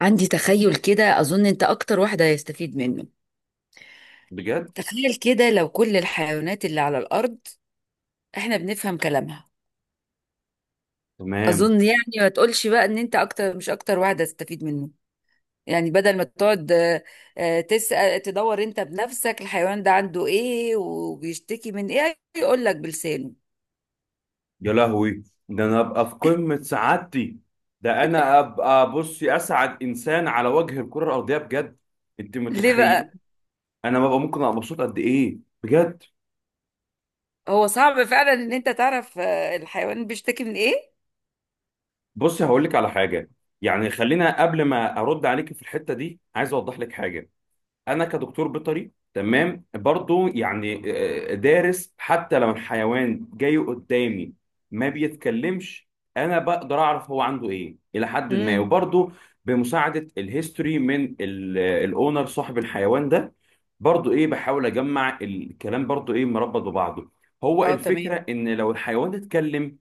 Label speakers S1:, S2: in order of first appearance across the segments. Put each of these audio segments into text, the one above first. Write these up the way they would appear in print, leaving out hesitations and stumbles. S1: عندي تخيل كده، أظن أنت أكتر واحد هيستفيد منه.
S2: بجد.
S1: تخيل كده، لو كل الحيوانات اللي على الأرض إحنا بنفهم كلامها.
S2: تمام.
S1: أظن يعني، ما تقولش بقى إن أنت أكتر، مش أكتر واحد هتستفيد منه. يعني بدل ما تقعد تسأل تدور أنت بنفسك الحيوان ده عنده إيه وبيشتكي من إيه، يقول لك بلسانه.
S2: يا لهوي، ده انا ابقى في قمة سعادتي. ده انا ابقى، بصي، اسعد انسان على وجه الكرة الارضية، بجد. انت ما
S1: ليه
S2: تتخيلي
S1: بقى؟
S2: انا ببقى ممكن ابقى مبسوط قد ايه، بجد.
S1: هو صعب فعلا إن أنت تعرف الحيوان بيشتكي من إيه.
S2: بصي هقول لك على حاجة. يعني خلينا قبل ما ارد عليك في الحتة دي، عايز اوضح لك حاجة. انا كدكتور بيطري، تمام، برضو يعني دارس. حتى لو الحيوان جاي قدامي ما بيتكلمش، انا بقدر اعرف هو عنده ايه الى حد ما.
S1: امم.
S2: وبرضو بمساعدة الهيستوري من الاونر صاحب الحيوان ده، برضو ايه بحاول اجمع الكلام برضو ايه مربط ببعضه. هو
S1: اه، تمام.
S2: الفكرة ان لو الحيوان اتكلم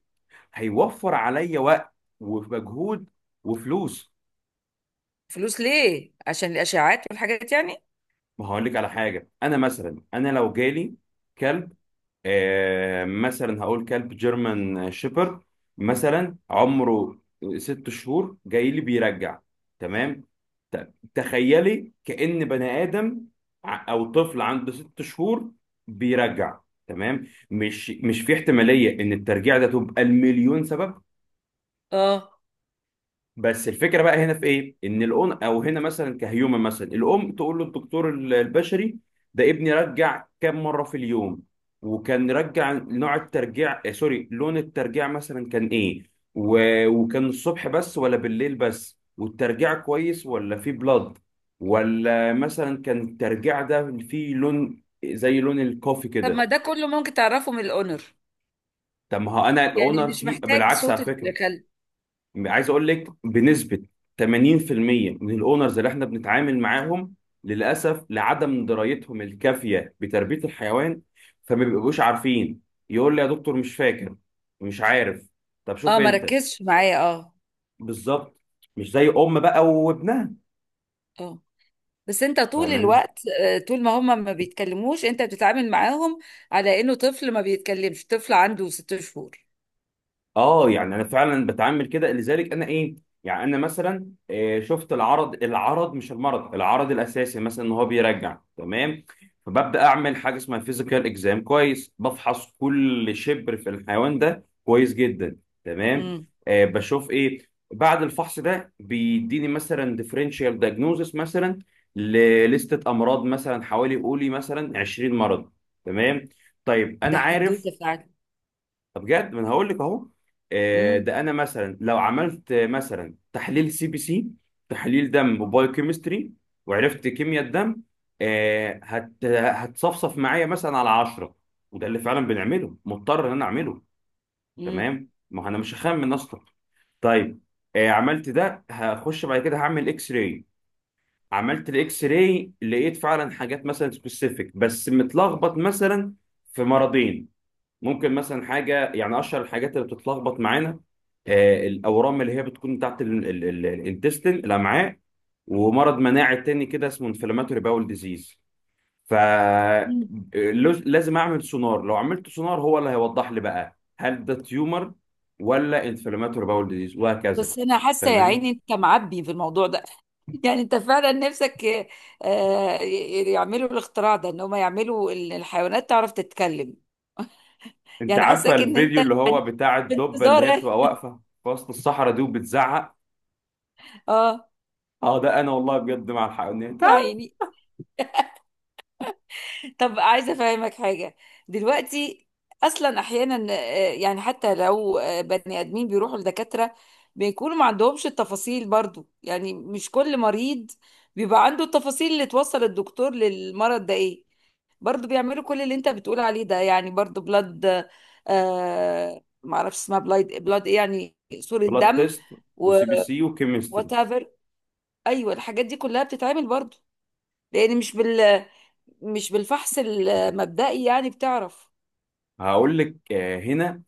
S2: هيوفر عليا وقت ومجهود وفلوس.
S1: فلوس ليه؟ عشان الأشعاعات والحاجات يعني.
S2: ما هقول لك على حاجة، انا مثلا، انا لو جالي كلب، مثلا هقول كلب جيرمان شيبرد، مثلا عمره 6 شهور جاي لي بيرجع. تمام. تخيلي كأن بني آدم، أو طفل عنده 6 شهور بيرجع. تمام. مش في احتمالية إن الترجيع ده تبقى المليون سبب؟
S1: اه.
S2: بس الفكره بقى هنا في ايه، ان الام، او هنا مثلا كهيومن، مثلا الام تقول له الدكتور البشري: ده ابني رجع كم مره في اليوم، وكان رجع، نوع الترجيع، سوري، لون الترجيع مثلا كان ايه، و... وكان الصبح بس ولا بالليل بس، والترجيع كويس ولا فيه بلاد، ولا مثلا كان الترجيع ده فيه لون زي لون الكوفي
S1: طب
S2: كده.
S1: ما ده كله ممكن تعرفه من الاونر،
S2: طب ما هو انا
S1: يعني
S2: الاونر
S1: مش
S2: فيه
S1: محتاج
S2: بالعكس
S1: صوت
S2: على فكره.
S1: الكلب.
S2: عايز اقول لك، بنسبه 80% من الاونرز اللي احنا بنتعامل معاهم، للاسف لعدم درايتهم الكافيه بتربيه الحيوان، فما بيبقوش عارفين. يقول لي: يا دكتور مش فاكر، مش عارف. طب شوف
S1: اه، ما
S2: انت.
S1: ركزش معايا، اه.
S2: بالظبط. مش زي ام بقى وابنها.
S1: اه. بس انت طول
S2: فاهم.
S1: الوقت، طول ما هم ما بيتكلموش انت بتتعامل معاهم على انه طفل ما بيتكلمش، طفل عنده 6 شهور.
S2: اه، يعني انا فعلا بتعامل كده، لذلك انا ايه، يعني انا مثلا شفت العرض، العرض مش المرض، العرض الاساسي مثلا ان هو بيرجع، تمام. فببدا اعمل حاجه اسمها فيزيكال اكزام، كويس، بفحص كل شبر في الحيوان ده كويس جدا. تمام.
S1: امم.
S2: آه بشوف ايه. بعد الفحص ده بيديني مثلا ديفرنشال دايجنوزس مثلا لليستة امراض، مثلا حوالي، قولي مثلا، 20 مرض. تمام. طيب
S1: ده
S2: انا عارف.
S1: حدوته فعلا.
S2: طب بجد، ما انا هقول لك اهو.
S1: امم.
S2: ده انا مثلا لو عملت مثلا تحليل سي بي سي، تحليل دم وبايو كيمستري، وعرفت كيمياء الدم، هتصفصف معايا مثلا على 10. وده اللي فعلا بنعمله، مضطر ان انا اعمله.
S1: امم.
S2: تمام. ما هو انا مش هخمن اصلا. طيب. عملت ده، هخش بعد كده هعمل اكس راي. عملت الاكس راي، لقيت فعلا حاجات مثلا سبيسيفيك بس متلخبط مثلا في مرضين. ممكن مثلا حاجه، يعني اشهر الحاجات اللي بتتلخبط معانا الاورام اللي هي بتكون بتاعت الانتستين الامعاء، ومرض مناعي تاني كده اسمه انفلاماتوري باول ديزيز. ف
S1: أمم.
S2: لازم اعمل سونار. لو عملت سونار، هو اللي هيوضح لي بقى هل ده تيومر ولا انفلاماتوري باول ديزيز، وهكذا.
S1: بس انا حاسه يا
S2: فاهماني.
S1: عيني انت معبي في الموضوع ده. يعني انت فعلا نفسك، يعملوا الاختراع ده، ان هم يعملوا الحيوانات تعرف تتكلم.
S2: انت
S1: يعني
S2: عارفه
S1: حاساك ان انت،
S2: الفيديو اللي هو
S1: يعني،
S2: بتاع
S1: في
S2: الدبه اللي
S1: انتظار.
S2: هي بتبقى واقفه في وسط الصحراء دي وبتزعق؟
S1: اه.
S2: اه، ده انا والله بجد مع الحق.
S1: يا عيني. طب عايزه افهمك حاجه دلوقتي. اصلا احيانا يعني، حتى لو بني ادمين بيروحوا لدكاتره، بيكونوا ما عندهمش التفاصيل برضو. يعني مش كل مريض بيبقى عنده التفاصيل اللي توصل الدكتور للمرض ده ايه. برضو بيعملوا كل اللي انت بتقول عليه ده، يعني برضو بلاد. آه، معرفش اسمها، بلاد بلاد ايه يعني، صورة
S2: بلاد
S1: دم،
S2: تيست،
S1: و
S2: وسي بي سي وكيمستري.
S1: whatever. ايوه، الحاجات دي كلها بتتعمل برضو، لان مش بالفحص المبدئي يعني بتعرف.
S2: هقول لك هنا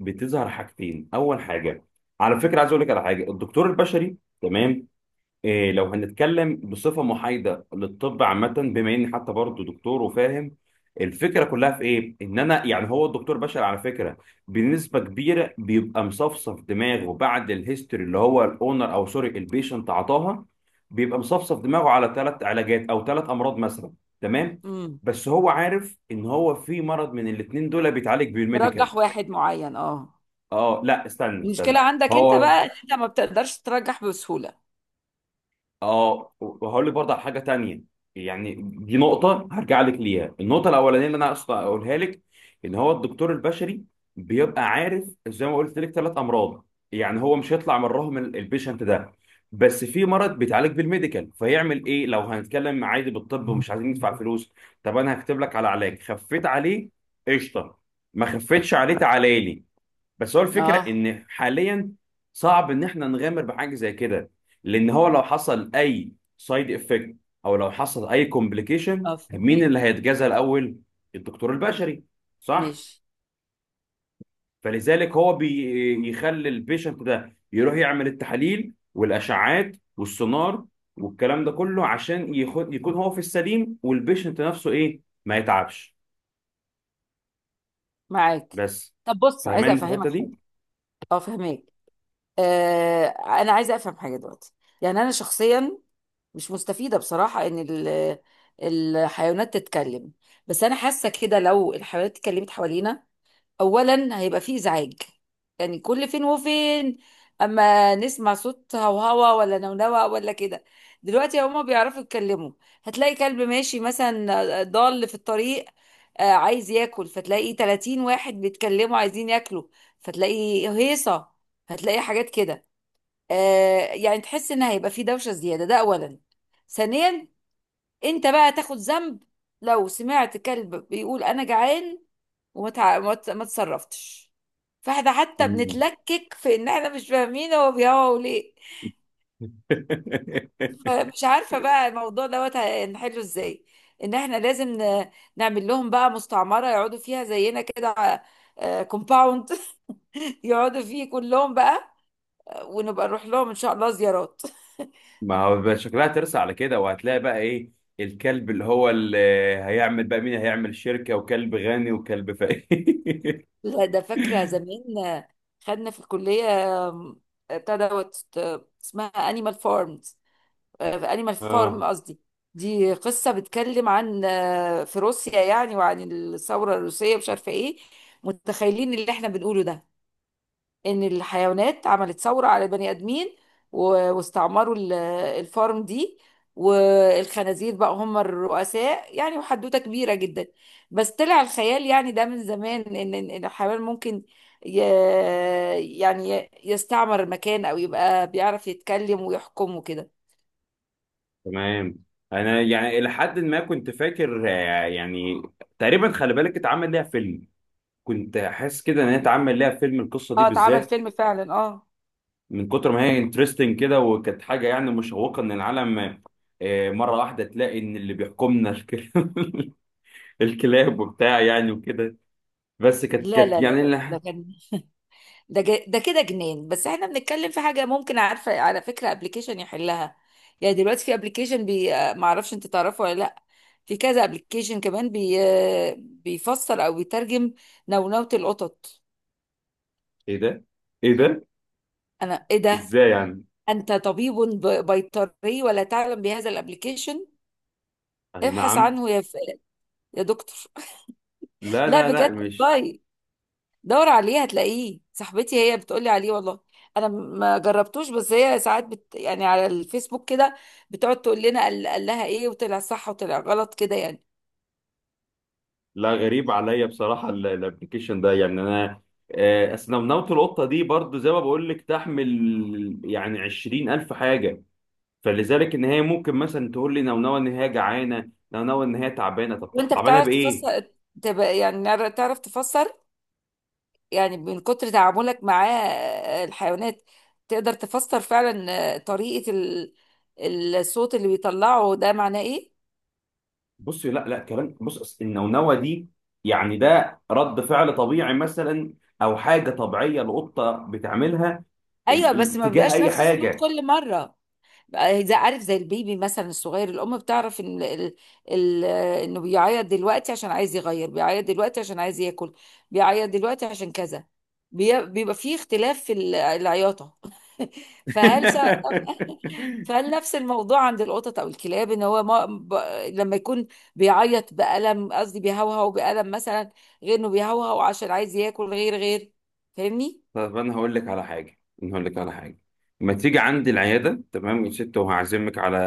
S2: بتظهر حاجتين. اول حاجه، على فكره، عايز اقول لك على حاجه، الدكتور البشري، تمام، إيه لو هنتكلم بصفة محايدة للطب عامة، بما إني حتى برضه دكتور وفاهم الفكرة كلها في إيه؟ إن أنا، يعني هو الدكتور بشر على فكرة، بنسبة كبيرة بيبقى مصفصف دماغه بعد الهيستوري اللي هو الأونر أو سوري البيشنت عطاها. بيبقى مصفصف دماغه على ثلاث علاجات أو ثلاث أمراض مثلا. تمام؟
S1: امم.
S2: بس هو عارف إن هو في مرض من الاتنين دول بيتعالج بالميديكال.
S1: مرجح واحد معين، اه.
S2: آه لا، استنى استنى.
S1: المشكله عندك انت
S2: هو،
S1: بقى ان انت ما بتقدرش ترجح بسهوله.
S2: اه، وهقول لك برضه على حاجه تانية. يعني دي نقطه هرجع لك ليها. النقطه الاولانيه اللي انا اقصد اقولها لك ان هو الدكتور البشري بيبقى عارف زي ما قلت لك ثلاث امراض. يعني هو مش هيطلع مرهم البيشنت ده، بس في مرض بيتعالج بالميديكال. فيعمل ايه لو هنتكلم عادي بالطب ومش عايزين ندفع فلوس؟ طب انا هكتب لك على علاج، خفيت عليه قشطه، ما خفيتش عليه تعالى لي. بس هو الفكره
S1: اه.
S2: ان حاليا صعب ان احنا نغامر بحاجه زي كده، لان هو لو حصل اي سايد افكت او لو حصل اي كومبليكيشن،
S1: اه،
S2: مين
S1: فهميك.
S2: اللي هيتجازى الاول؟ الدكتور البشري. صح.
S1: ماشي.
S2: فلذلك هو بيخلي البيشنت ده يروح يعمل التحاليل والاشعاعات والسونار والكلام ده كله عشان يخد يكون هو في السليم، والبيشنت نفسه ايه ما يتعبش.
S1: معاك.
S2: بس.
S1: طب بص، عايزه
S2: فاهماني في الحته
S1: افهمك حاجه.
S2: دي.
S1: اه، فهميك. آه. انا عايزه افهم حاجه دلوقتي. يعني انا شخصيا مش مستفيده بصراحه ان الحيوانات تتكلم. بس انا حاسه كده، لو الحيوانات اتكلمت حوالينا، اولا هيبقى فيه ازعاج. يعني كل فين وفين اما نسمع صوت هوهوا ولا نونوة ولا كده. دلوقتي هما بيعرفوا يتكلموا. هتلاقي كلب ماشي مثلا، ضال في الطريق، عايز ياكل، فتلاقي 30 واحد بيتكلموا عايزين ياكلوا. فتلاقي هيصة. هتلاقي حاجات كده، يعني تحس ان هيبقى فيه دوشة زيادة. ده اولا. ثانيا، انت بقى تاخد ذنب لو سمعت كلب بيقول انا جعان وما تع... ما ت- ما اتصرفتش. فاحنا حتى
S2: مم.
S1: بنتلكك في ان احنا مش فاهمين هو بيهوى ليه. مش عارفه بقى الموضوع دوت هنحله ازاي، ان احنا لازم نعمل لهم بقى مستعمره يقعدوا فيها زينا كده، كومباوند. يقعدوا فيه كلهم بقى، ونبقى نروح لهم ان شاء الله زيارات.
S2: ما هو بقى شكلها ترسى على كده، وهتلاقي بقى ايه الكلب اللي هو اللي هيعمل بقى، مين هيعمل شركة، وكلب غني وكلب فقير.
S1: لا، ده فاكره زمان، خدنا في الكليه، آم، بتاع دوت، اسمها انيمال فارم. في انيمال فارم
S2: اه
S1: قصدي. دي قصة بتكلم عن، في روسيا يعني، وعن الثورة الروسية مش عارفة ايه، متخيلين اللي احنا بنقوله ده، ان الحيوانات عملت ثورة على البني ادمين، واستعمروا الفارم دي، والخنازير بقى هم الرؤساء يعني، وحدوتة كبيرة جدا. بس طلع الخيال يعني ده من زمان، ان إن الحيوان ممكن ي- يعني يستعمر مكان، او يبقى بيعرف يتكلم ويحكم وكده.
S2: تمام. انا يعني الى حد ما كنت فاكر يعني تقريبا خلي بالك اتعمل ليها فيلم. كنت حاسس كده ان هي اتعمل ليها فيلم، القصة دي
S1: اه، اتعمل
S2: بالذات،
S1: فيلم فعلا، اه.
S2: من كتر ما هي انترستنج كده، وكانت حاجة يعني مشوقة ان العالم مرة واحدة تلاقي ان اللي بيحكمنا الكلاب. الكلاب وبتاع يعني وكده. بس كانت
S1: لا،
S2: كانت
S1: لا، لا،
S2: يعني.
S1: لا، ده كان، ده كده جنان. بس احنا بنتكلم في حاجه ممكن، عارفه على فكره، ابلكيشن يحلها. يعني دلوقتي في ابلكيشن بي، ما اعرفش انت تعرفه ولا لا. في كذا ابلكيشن كمان بي، بيفسر او بيترجم نونوة القطط.
S2: ايه ده، ايه ده.
S1: انا، ايه ده؟
S2: ازاي يعني؟
S1: انت طبيب بيطري ولا تعلم بهذا الابلكيشن؟
S2: اي
S1: ابحث
S2: نعم.
S1: عنه يا ف...، يا دكتور.
S2: لا
S1: لا
S2: لا لا،
S1: بجد،
S2: مش.
S1: والله. دور عليه هتلاقيه، صاحبتي هي بتقولي عليه والله. انا ما جربتوش، بس هي ساعات بت، يعني على الفيسبوك كده بتقعد تقول لنا قال لها ايه، وطلع صح وطلع غلط كده يعني.
S2: لا، غريب عليا بصراحه الابلكيشن ده. يعني انا، اصل نونوت القطه دي برضو زي ما بقول لك تحمل يعني 20,000 حاجه. فلذلك ان هي ممكن مثلا تقول لي نونوه ان هي جعانه، نونوه ان هي تعبانه. طب
S1: وانت
S2: تعبانه
S1: بتعرف
S2: بايه؟
S1: تفسر، تبقى يعني، تعرف تفسر يعني، من كتر تعاملك مع الحيوانات، تقدر تفسر فعلا طريقة الصوت اللي بيطلعه ده معناه ايه.
S2: بصي، لا لا، كلام. بص، أصل النونوه دي يعني ده رد فعل طبيعي مثلا، او حاجه طبيعيه القطه بتعملها
S1: ايوه، بس ما
S2: تجاه
S1: بيبقاش
S2: اي
S1: نفس الصوت
S2: حاجه.
S1: كل مرة. زي، عارف، زي البيبي مثلا الصغير، الام بتعرف ان ال- انه بيعيط دلوقتي عشان عايز يغير، بيعيط دلوقتي عشان عايز ياكل، بيعيط دلوقتي عشان كذا. بيبقى فيه اختلاف في العياطه. فهل سا- فهل نفس الموضوع عند القطط او الكلاب، ان هو ما ب... لما يكون بيعيط بألم، قصدي بيهوهو بألم مثلا، غير انه بيهوهو عشان عايز ياكل، غير غير. فاهمني؟
S2: طب انا هقول لك على حاجه، انا هقول لك على حاجه، ما تيجي عندي العياده، تمام يا ست، وهعزمك على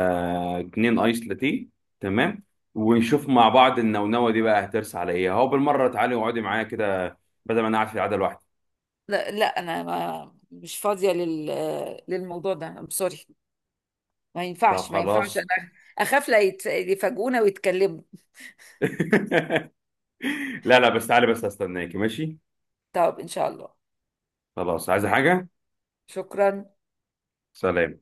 S2: اتنين ايس لاتيه. تمام. ونشوف مع بعض النونوه دي بقى هترس على ايه. اهو بالمره تعالي واقعدي معايا كده، بدل ما انا قاعد في العياده لوحدي.
S1: لا، لا، انا ما مش فاضيه للموضوع ده، سوري. ما
S2: طب
S1: ينفعش، ما ينفعش،
S2: خلاص.
S1: انا اخاف لا يت- يفاجئونا ويتكلموا.
S2: لا لا، بس تعالي، بس هستناكي. ماشي.
S1: طب ان شاء الله.
S2: خلاص، عايزه حاجه؟
S1: شكرا.
S2: سلام.